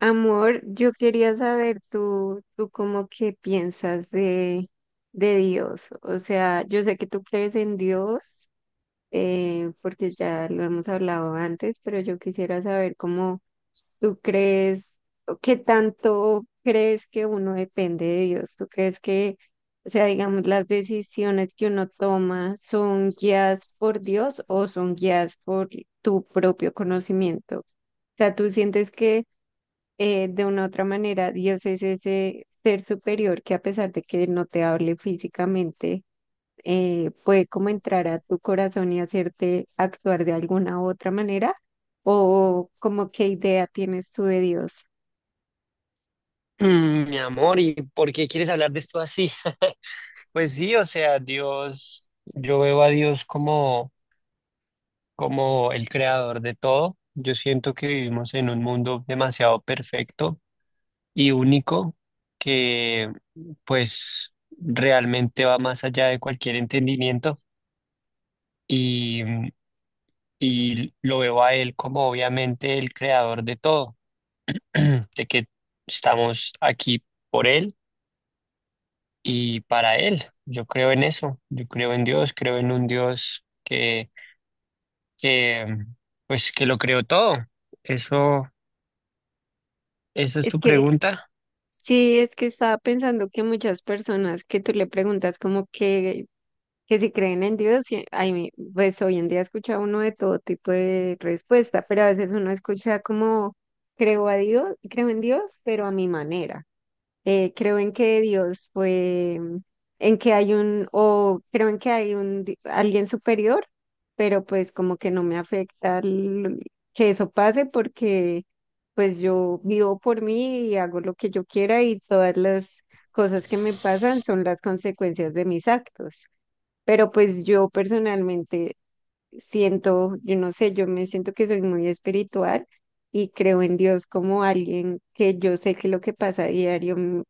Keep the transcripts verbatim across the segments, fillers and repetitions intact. Amor, yo quería saber tú, tú cómo que piensas de, de Dios. O sea, yo sé que tú crees en Dios, eh, porque ya lo hemos hablado antes, pero yo quisiera saber cómo tú crees, o qué tanto crees que uno depende de Dios. ¿Tú crees que, o sea, digamos, las decisiones que uno toma son guiadas por Dios o son guiadas por tu propio conocimiento? O sea, tú sientes que eh, de una otra manera, Dios es ese ser superior que a pesar de que no te hable físicamente, eh, puede como entrar a tu corazón y hacerte actuar de alguna u otra manera, o como qué idea tienes tú de Dios. Mm, Mi amor, ¿y por qué quieres hablar de esto así? Pues sí, o sea, Dios, yo veo a Dios como, como el creador de todo. Yo siento que vivimos en un mundo demasiado perfecto y único que pues realmente va más allá de cualquier entendimiento y, y lo veo a Él como obviamente el creador de todo, de que estamos aquí por Él y para Él. Yo creo en eso, yo creo en Dios, creo en un Dios que, que, pues, que lo creó todo. Eso, eso es Es tu que pregunta. sí, es que estaba pensando que muchas personas que tú le preguntas como que que si creen en Dios, sí, ay, mi- pues hoy en día escucha uno de todo tipo de respuesta, pero a veces uno escucha como creo a Dios, creo en Dios, pero a mi manera. Eh, creo en que Dios fue, mm, en que hay un, o creo en que hay un di- alguien superior, pero pues como que no me afecta el- que eso pase porque pues yo vivo por mí y hago lo que yo quiera y todas las cosas que me pasan son las consecuencias de mis actos. Pero pues yo personalmente siento, yo no sé, yo me siento que soy muy espiritual y creo en Dios como alguien que yo sé que lo que pasa a diario m-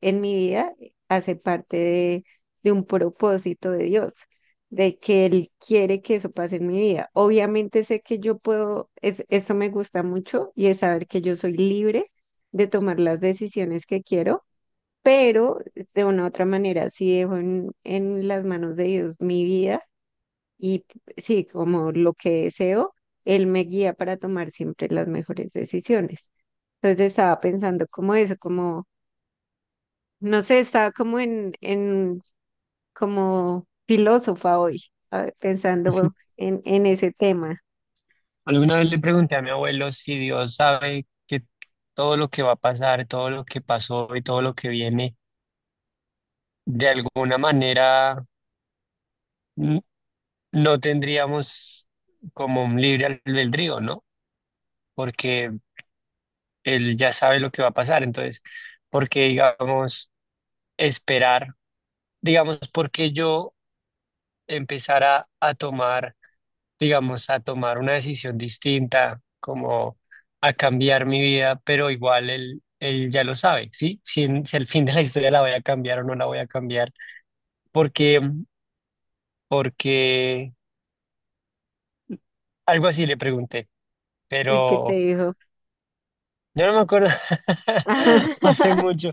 en mi vida hace parte de, de un propósito de Dios, de que Él quiere que eso pase en mi vida. Obviamente sé que yo puedo, es, eso me gusta mucho y es saber que yo soy libre de tomar las decisiones que quiero, pero de una u otra manera sí dejo en, en las manos de Dios mi vida y sí, como lo que deseo, Él me guía para tomar siempre las mejores decisiones. Entonces estaba pensando como eso, como, no sé, estaba como en, en como filósofa hoy, a pensando en, en ese tema. Alguna vez le pregunté a mi abuelo si Dios sabe que todo lo que va a pasar, todo lo que pasó y todo lo que viene, de alguna manera n- no tendríamos como un libre albedrío, ¿no? Porque él ya sabe lo que va a pasar. Entonces, ¿por qué digamos esperar? Digamos, porque yo empezara a tomar, digamos, a tomar una decisión distinta, como a cambiar mi vida, pero igual él, él ya lo sabe, ¿sí? Si, en- si al fin de la historia la voy a cambiar o no la voy a cambiar, porque, porque algo así le pregunté, ¿Y qué te pero dijo? yo no me acuerdo, hace mucho,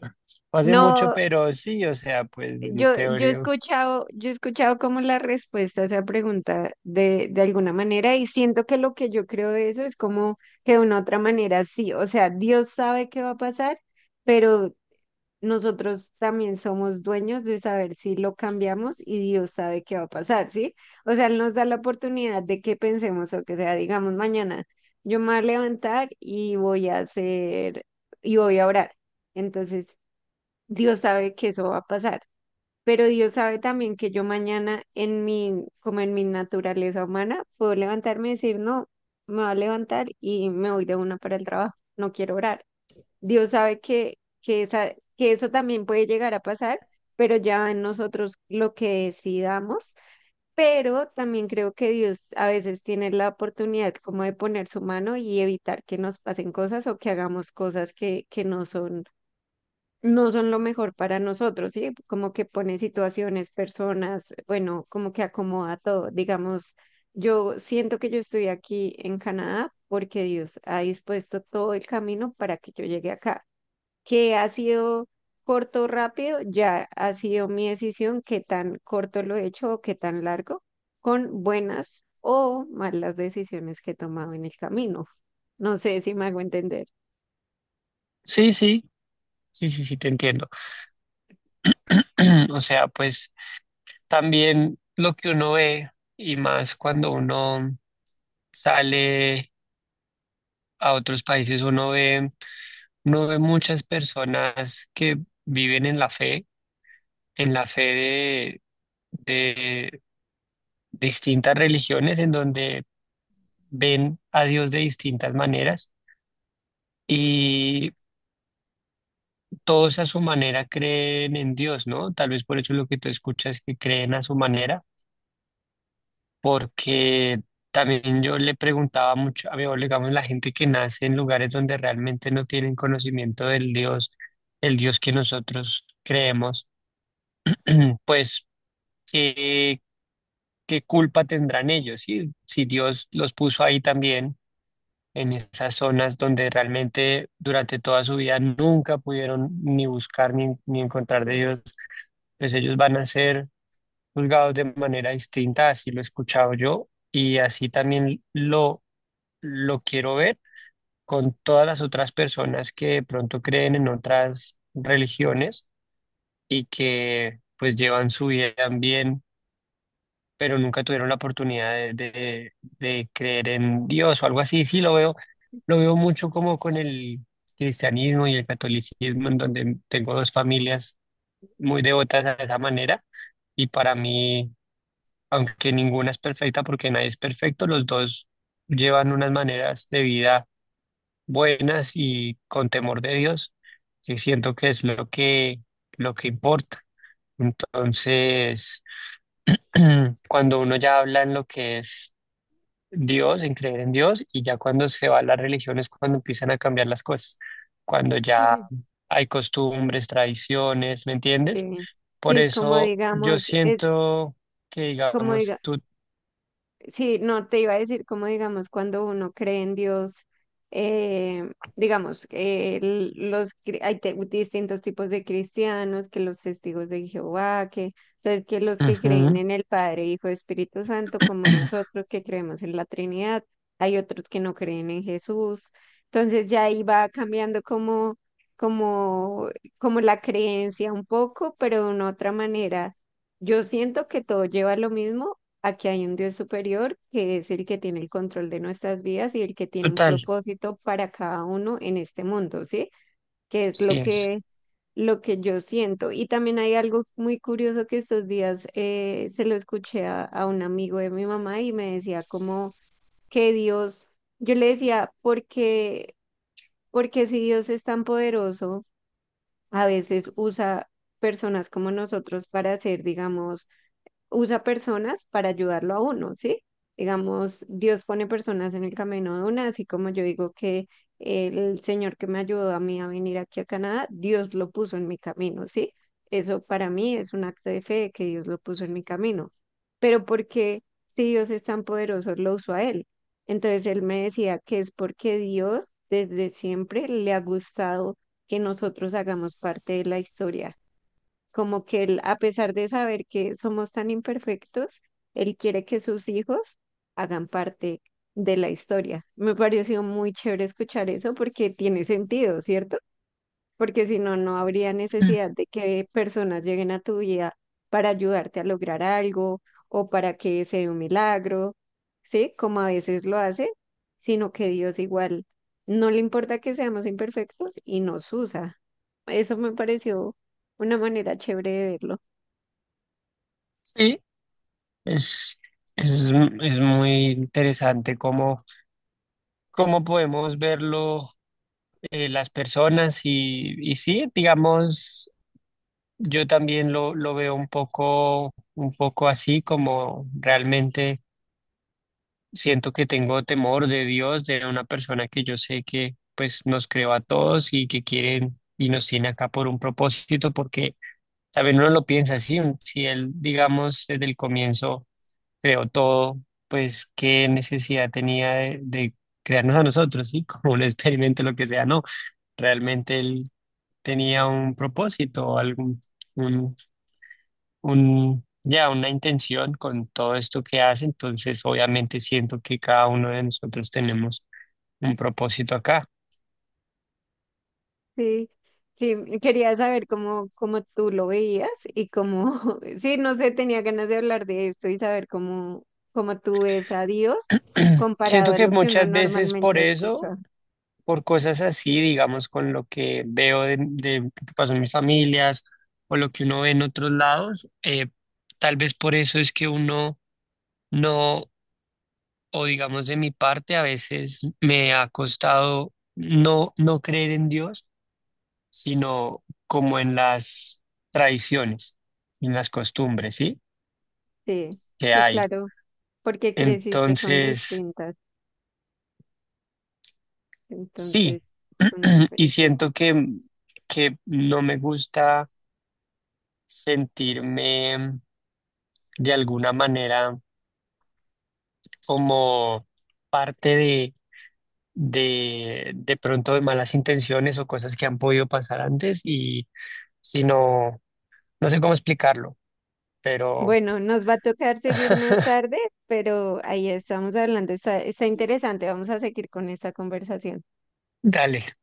hace mucho, No, pero sí, o sea, pues en Yo, yo he teoría, escuchado, yo he escuchado como la respuesta a esa pregunta de, de alguna manera y siento que lo que yo creo de eso es como que de una otra manera sí, o sea, Dios sabe qué va a pasar, pero nosotros también somos dueños de saber si lo cambiamos y Dios sabe qué va a pasar, ¿sí? O sea, Él nos da la oportunidad de que pensemos o que sea, digamos, mañana yo me voy a levantar y voy a hacer, y voy a orar. Entonces, Dios sabe que eso va a pasar. Pero Dios sabe también que yo mañana en mi, como en mi naturaleza humana, puedo levantarme y decir, no, me va a levantar y me voy de una para el trabajo, no quiero orar. Dios sabe que, que, esa, que eso también puede llegar a pasar, pero ya en nosotros lo que decidamos. Pero también creo que Dios a veces tiene la oportunidad como de poner su mano y evitar que nos pasen cosas o que hagamos cosas que, que no son no son lo mejor para nosotros, ¿sí? Como que pone situaciones, personas, bueno, como que acomoda todo. Digamos, yo siento que yo estoy aquí en Canadá porque Dios ha dispuesto todo el camino para que yo llegue acá. Que ha sido corto, o rápido, ya ha sido mi decisión, qué tan corto lo he hecho o qué tan largo, con buenas o malas decisiones que he tomado en el camino. No sé si me hago entender. sí, sí, sí, sí, sí, te entiendo. O sea, pues también lo que uno ve, y más cuando uno sale a otros países, uno ve, uno ve muchas personas que viven en la fe, en la fe de, de distintas religiones, en donde ven a Dios de distintas maneras. Y todos a su manera creen en Dios, ¿no? Tal vez por eso lo que tú escuchas que creen a su manera porque también yo le preguntaba mucho a mi abuelo, digamos, la gente que nace en lugares donde realmente no tienen conocimiento del Dios, el Dios que nosotros creemos, pues, ¿qué, qué culpa tendrán ellos? Si, si Dios los puso ahí también, en esas zonas donde realmente durante toda su vida nunca pudieron ni buscar ni, ni encontrar de Dios, pues ellos van a ser juzgados de manera distinta, así lo he escuchado yo, y así también lo lo quiero ver con todas las otras personas que de pronto creen en otras religiones y que pues llevan su vida bien, pero nunca tuvieron la oportunidad de, de- de creer en Dios o algo así. Sí, lo veo, lo veo mucho como con el cristianismo y el catolicismo, en donde tengo dos familias muy devotas de esa manera y para mí, aunque ninguna es perfecta porque nadie es perfecto, los dos llevan unas maneras de vida buenas y con temor de Dios, que siento que es lo que, lo que importa. Entonces, cuando uno ya habla en lo que es Dios, en creer en Dios, y ya cuando se va a las religiones, cuando empiezan a cambiar las cosas, cuando ya Sí. hay costumbres, tradiciones, ¿me entiendes? Sí, Por sí, como eso yo digamos, es siento que, como digamos, diga. tú, Sí, no, te iba a decir, como digamos, cuando uno cree en Dios, eh, digamos, eh, l- los, cri- hay te- distintos tipos de cristianos, que los testigos de Jehová, que, entonces que los que creen ujú, en el Padre, Hijo, Espíritu Santo, como nosotros que creemos en la Trinidad, hay otros que no creen en Jesús. Entonces ya ahí va cambiando como, como, como la creencia un poco, pero de una otra manera. Yo siento que todo lleva a lo mismo, aquí hay un Dios superior que es el que tiene el control de nuestras vidas y el que tiene un total, propósito para cada uno en este mundo, ¿sí? Que es sí lo es. que, lo que yo siento. Y también hay algo muy curioso que estos días eh, se lo escuché a, a un amigo de mi mamá y me decía como que Dios, yo le decía, porque, porque si Dios es tan poderoso, a veces usa personas como nosotros para hacer, digamos, usa personas para ayudarlo a uno, ¿sí? Digamos, Dios pone personas en el camino de una, así como yo digo que el Señor que me ayudó a mí a venir aquí a Canadá, Dios lo puso en mi camino, ¿sí? Eso para mí es un acto de fe de que Dios lo puso en mi camino. Pero porque si Dios es tan poderoso, lo usó a él. Entonces él me decía que es porque Dios desde siempre le ha gustado que nosotros hagamos parte de la historia, como que él, a pesar de saber que somos tan imperfectos, él quiere que sus hijos hagan parte de la historia. Me pareció muy chévere escuchar eso porque tiene sentido, ¿cierto? Porque si no, no habría Mm. necesidad de que personas lleguen a tu vida para ayudarte a lograr algo o para que se dé un milagro, ¿sí? Como a veces lo hace, sino que Dios igual no le importa que seamos imperfectos y nos usa. Eso me pareció una manera chévere de verlo. Sí, es, es, es muy interesante cómo, cómo podemos verlo eh, las personas y, y sí, digamos, yo también lo, lo veo un poco, un poco así, como realmente siento que tengo temor de Dios, de una persona que yo sé que pues nos creó a todos y que quieren y nos tiene acá por un propósito, porque, ¿saben? Uno lo piensa así, si él, digamos, desde el comienzo creó todo, pues qué necesidad tenía de, de crearnos a nosotros, ¿sí? Como un experimento, lo que sea, no. Realmente él tenía un propósito, algún, un, un, ya una intención con todo esto que hace, entonces obviamente siento que cada uno de nosotros tenemos un propósito acá. Sí, sí, quería saber cómo, cómo tú lo veías y cómo, sí, no sé, tenía ganas de hablar de esto y saber cómo, cómo tú ves a Dios comparado Siento a que lo que uno muchas veces por normalmente eso escucha. por cosas así, digamos, con lo que veo de, de lo que pasó en mis familias o lo que uno ve en otros lados, eh, tal vez por eso es que uno no, o digamos de mi parte, a veces me ha costado no, no creer en Dios, sino como en las tradiciones, en las costumbres, ¿sí? Sí, Que sí, hay. claro, porque creciste con Entonces, distintas, sí, entonces, con y diferentes siento épocas. que, que no me gusta sentirme de alguna manera como parte de, de, de pronto de malas intenciones o cosas que han podido pasar antes y si no, no sé cómo explicarlo, pero Bueno, nos va a tocar seguir más tarde, pero ahí estamos hablando, está, está interesante, vamos a seguir con esta conversación. dale.